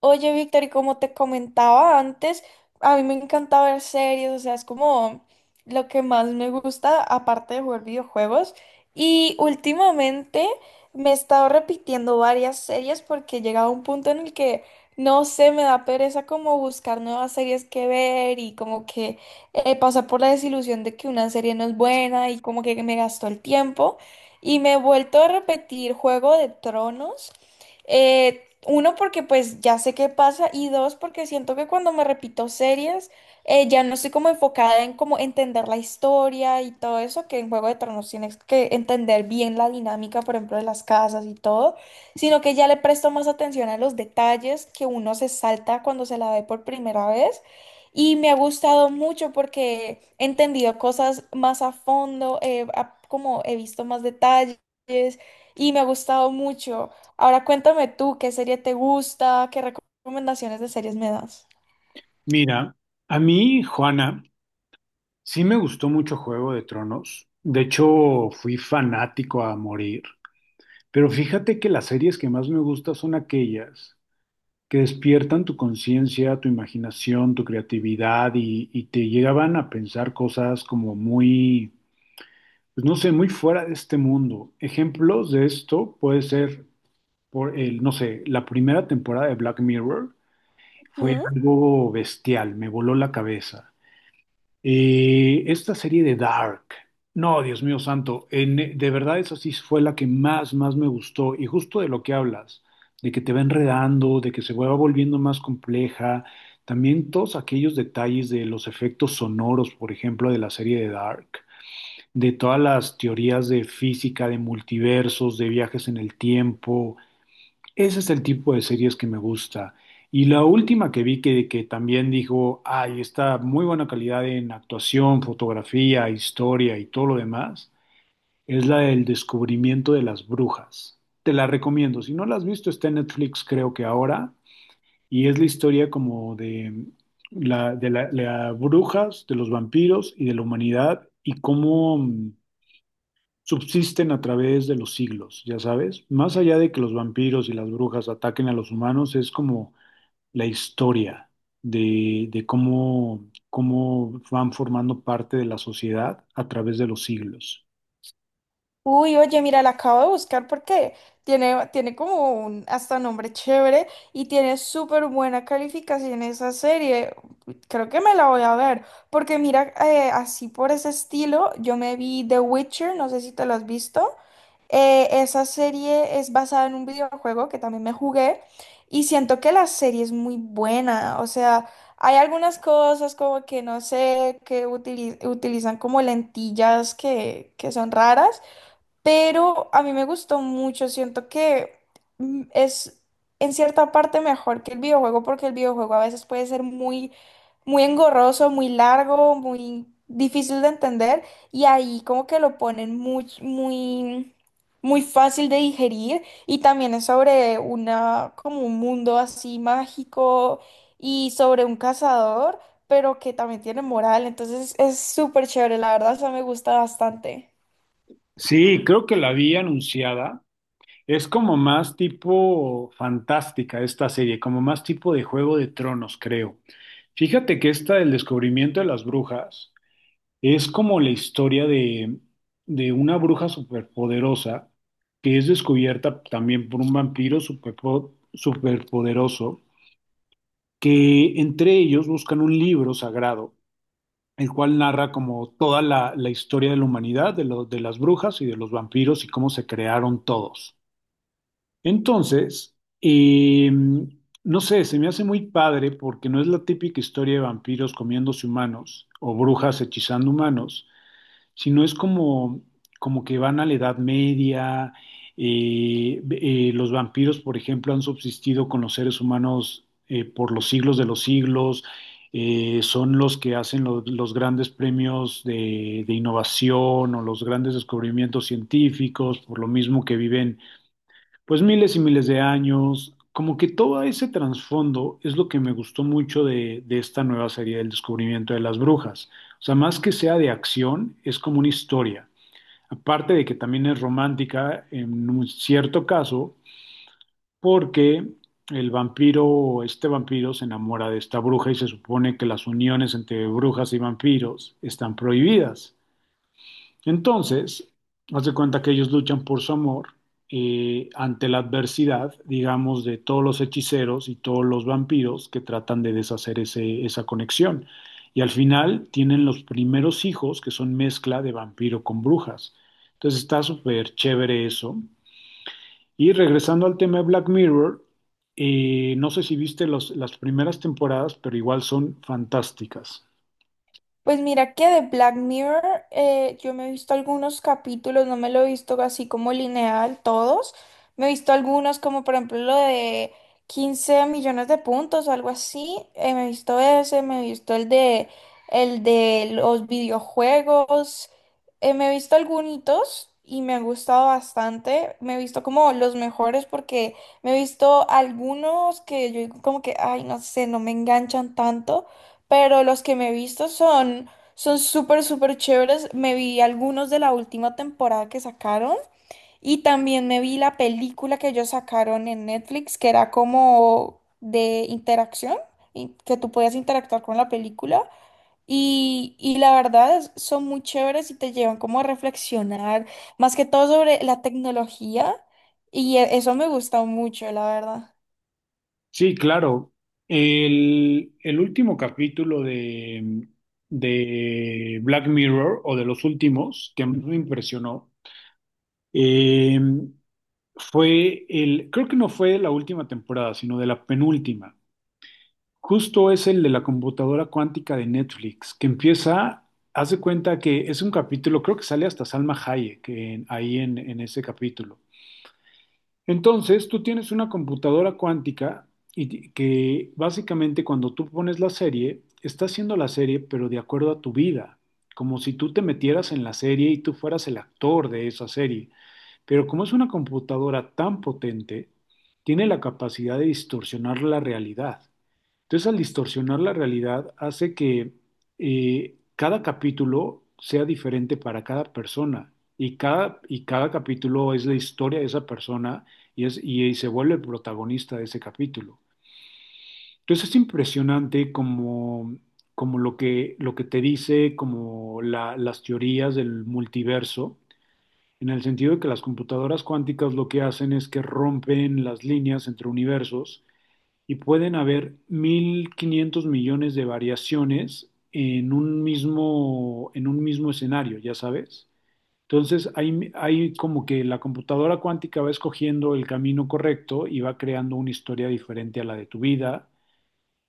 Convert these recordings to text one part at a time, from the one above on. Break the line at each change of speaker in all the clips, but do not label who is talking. Oye, Víctor, y como te comentaba antes, a mí me encanta ver series, o sea, es como lo que más me gusta, aparte de jugar videojuegos. Y últimamente me he estado repitiendo varias series porque he llegado a un punto en el que, no sé, me da pereza como buscar nuevas series que ver y como que pasar por la desilusión de que una serie no es buena y como que me gastó el tiempo. Y me he vuelto a repetir Juego de Tronos. Uno, porque pues ya sé qué pasa y dos, porque siento que cuando me repito series, ya no estoy como enfocada en como entender la historia y todo eso, que en Juego de Tronos tienes que entender bien la dinámica, por ejemplo, de las casas y todo, sino que ya le presto más atención a los detalles que uno se salta cuando se la ve por primera vez. Y me ha gustado mucho porque he entendido cosas más a fondo, como he visto más detalles y me ha gustado mucho. Ahora cuéntame tú, ¿qué serie te gusta? ¿Qué recomendaciones de series me das?
Mira, a mí, Juana, sí me gustó mucho Juego de Tronos. De hecho, fui fanático a morir. Pero fíjate que las series que más me gustan son aquellas que despiertan tu conciencia, tu imaginación, tu creatividad y te llegaban a pensar cosas como muy, pues no sé, muy fuera de este mundo. Ejemplos de esto puede ser, por el, no sé, la primera temporada de Black Mirror fue
Ujú.
algo bestial, me voló la cabeza. Esta serie de Dark, no, Dios mío santo, de verdad esa sí fue la que más, más me gustó y justo de lo que hablas, de que te va enredando, de que se va volviendo más compleja, también todos aquellos detalles de los efectos sonoros, por ejemplo, de la serie de Dark, de todas las teorías de física, de multiversos, de viajes en el tiempo. Ese es el tipo de series que me gusta. Y la última que vi que también dijo, ay, está muy buena calidad en actuación, fotografía, historia y todo lo demás, es la del descubrimiento de las brujas. Te la recomiendo. Si no la has visto, está en Netflix creo que ahora. Y es la historia como de la- la brujas, de los vampiros y de la humanidad y cómo subsisten a través de los siglos, ya sabes. Más allá de que los vampiros y las brujas ataquen a los humanos, es como la historia de cómo, cómo van formando parte de la sociedad a través de los siglos.
Uy, oye, mira, la acabo de buscar porque tiene como un hasta nombre chévere y tiene súper buena calificación esa serie. Creo que me la voy a ver, porque mira, así por ese estilo, yo me vi The Witcher, no sé si te lo has visto. Esa serie es basada en un videojuego que también me jugué y siento que la serie es muy buena. O sea, hay algunas cosas como que no sé, que utilizan como lentillas que son raras, pero a mí me gustó mucho, siento que es en cierta parte mejor que el videojuego porque el videojuego a veces puede ser muy, muy engorroso, muy largo, muy difícil de entender y ahí como que lo ponen muy, muy, muy fácil de digerir y también es sobre como un mundo así mágico y sobre un cazador, pero que también tiene moral, entonces es súper chévere, la verdad, eso me gusta bastante.
Sí, creo que la vi anunciada. Es como más tipo fantástica esta serie, como más tipo de Juego de Tronos, creo. Fíjate que esta del descubrimiento de las brujas. Es como la historia de una bruja superpoderosa que es descubierta también por un vampiro superpoderoso, que entre ellos buscan un libro sagrado, el cual narra como toda la historia de la humanidad, de las brujas y de los vampiros y cómo se crearon todos. Entonces, no sé, se me hace muy padre porque no es la típica historia de vampiros comiéndose humanos o brujas hechizando humanos, sino es como, como que van a la Edad Media. Los vampiros, por ejemplo, han subsistido con los seres humanos por los siglos de los siglos. Son los que hacen los grandes premios de innovación o los grandes descubrimientos científicos, por lo mismo que viven pues miles y miles de años, como que todo ese trasfondo es lo que me gustó mucho de esta nueva serie del descubrimiento de las brujas. O sea, más que sea de acción, es como una historia. Aparte de que también es romántica en un cierto caso, porque el vampiro, este vampiro se enamora de esta bruja y se supone que las uniones entre brujas y vampiros están prohibidas. Entonces, haz de cuenta que ellos luchan por su amor ante la adversidad, digamos, de todos los hechiceros y todos los vampiros que tratan de deshacer esa conexión. Y al final tienen los primeros hijos que son mezcla de vampiro con brujas. Entonces está súper chévere eso. Y regresando al tema de Black Mirror, no sé si viste las primeras temporadas, pero igual son fantásticas.
Pues mira que de Black Mirror yo me he visto algunos capítulos, no me lo he visto así como lineal todos. Me he visto algunos como por ejemplo lo de 15 millones de puntos o algo así. Me he visto ese, me he visto el de los videojuegos. Me he visto algunos y me han gustado bastante. Me he visto como los mejores porque me he visto algunos que yo digo como que, ay, no sé, no me enganchan tanto pero los que me he visto son son súper, súper chéveres. Me vi algunos de la última temporada que sacaron y también me vi la película que ellos sacaron en Netflix, que era como de interacción, y que tú podías interactuar con la película. Y la verdad son muy chéveres y te llevan como a reflexionar, más que todo sobre la tecnología. Eso me gusta mucho, la verdad.
Sí, claro. El último capítulo de Black Mirror, o de los últimos, que más me impresionó, eh, fue el, creo que no fue de la última temporada, sino de la penúltima. Justo es el de la computadora cuántica de Netflix, que empieza, haz de cuenta que es un capítulo, creo que sale hasta Salma Hayek ahí en ese capítulo. Entonces, tú tienes una computadora cuántica y que básicamente cuando tú pones la serie, está haciendo la serie, pero de acuerdo a tu vida, como si tú te metieras en la serie y tú fueras el actor de esa serie. Pero como es una computadora tan potente, tiene la capacidad de distorsionar la realidad. Entonces, al distorsionar la realidad, hace que cada capítulo sea diferente para cada persona y cada capítulo es la historia de esa persona y se vuelve el protagonista de ese capítulo. Entonces, es impresionante como, como lo que te dice, como las teorías del multiverso. En el sentido de que las computadoras cuánticas lo que hacen es que rompen las líneas entre universos y pueden haber 1.500 millones de variaciones en un mismo escenario, ya sabes. Entonces, hay como que la computadora cuántica va escogiendo el camino correcto y va creando una historia diferente a la de tu vida.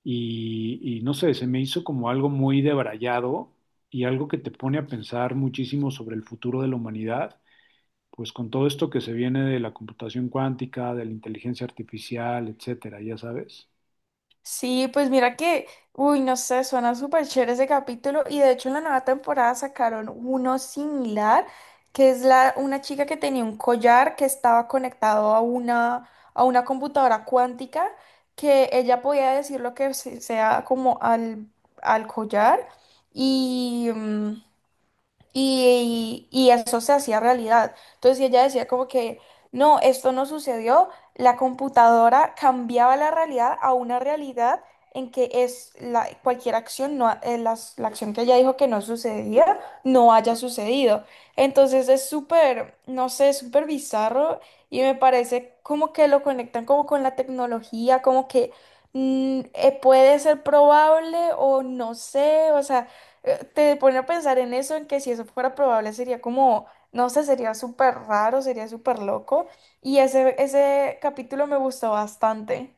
Y no sé, se me hizo como algo muy debrayado y algo que te pone a pensar muchísimo sobre el futuro de la humanidad, pues con todo esto que se viene de la computación cuántica, de la inteligencia artificial, etcétera, ya sabes.
Sí, pues mira que, uy, no sé, suena súper chévere ese capítulo y de hecho en la nueva temporada sacaron uno similar, que es una chica que tenía un collar que estaba conectado a a una computadora cuántica, que ella podía decir lo que sea como al collar y y eso se hacía realidad. Entonces ella decía como que, no, esto no sucedió, la computadora cambiaba la realidad a una realidad en que es la, cualquier acción, no, la acción que ella dijo que no sucedía, no haya sucedido. Entonces es súper, no sé, súper bizarro y me parece como que lo conectan como con la tecnología, como que puede ser probable o no sé, o sea te pone a pensar en eso, en que si eso fuera probable sería como, no sé, sería súper raro, sería súper loco. Ese capítulo me gustó bastante.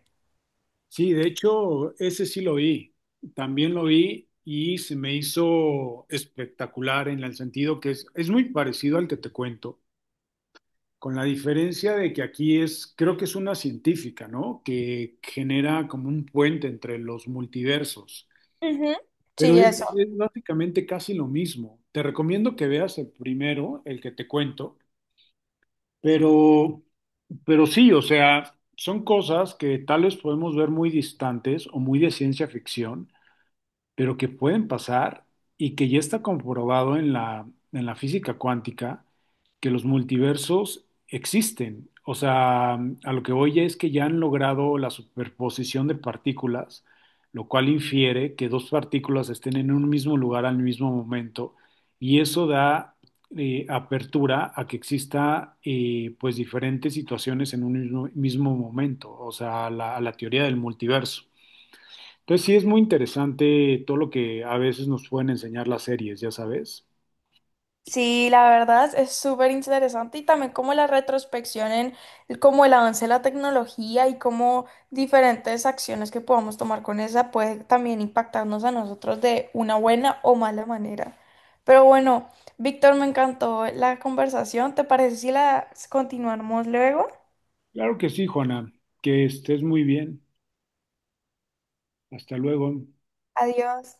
Sí, de hecho, ese sí lo vi, también lo vi y se me hizo espectacular en el sentido que es muy parecido al que te cuento, con la diferencia de que aquí es, creo que es una científica, ¿no? Que genera como un puente entre los multiversos,
Ujú.
pero
Sí, eso.
es básicamente casi lo mismo. Te recomiendo que veas el primero, el que te cuento, pero, pero sí, o sea, son cosas que tal vez podemos ver muy distantes o muy de ciencia ficción, pero que pueden pasar y que ya está comprobado en la física cuántica que los multiversos existen. O sea, a lo que voy es que ya han logrado la superposición de partículas, lo cual infiere que dos partículas estén en un mismo lugar al mismo momento y eso da apertura a que exista pues diferentes situaciones en un mismo, mismo momento, o sea, a la teoría del multiverso. Entonces sí es muy interesante todo lo que a veces nos pueden enseñar las series, ya sabes.
Sí, la verdad es súper interesante y también como la retrospección en como el avance de la tecnología y cómo diferentes acciones que podamos tomar con esa puede también impactarnos a nosotros de una buena o mala manera. Pero bueno, Víctor, me encantó la conversación. ¿Te parece si la continuamos luego?
Claro que sí, Juana, que estés muy bien. Hasta luego.
Adiós.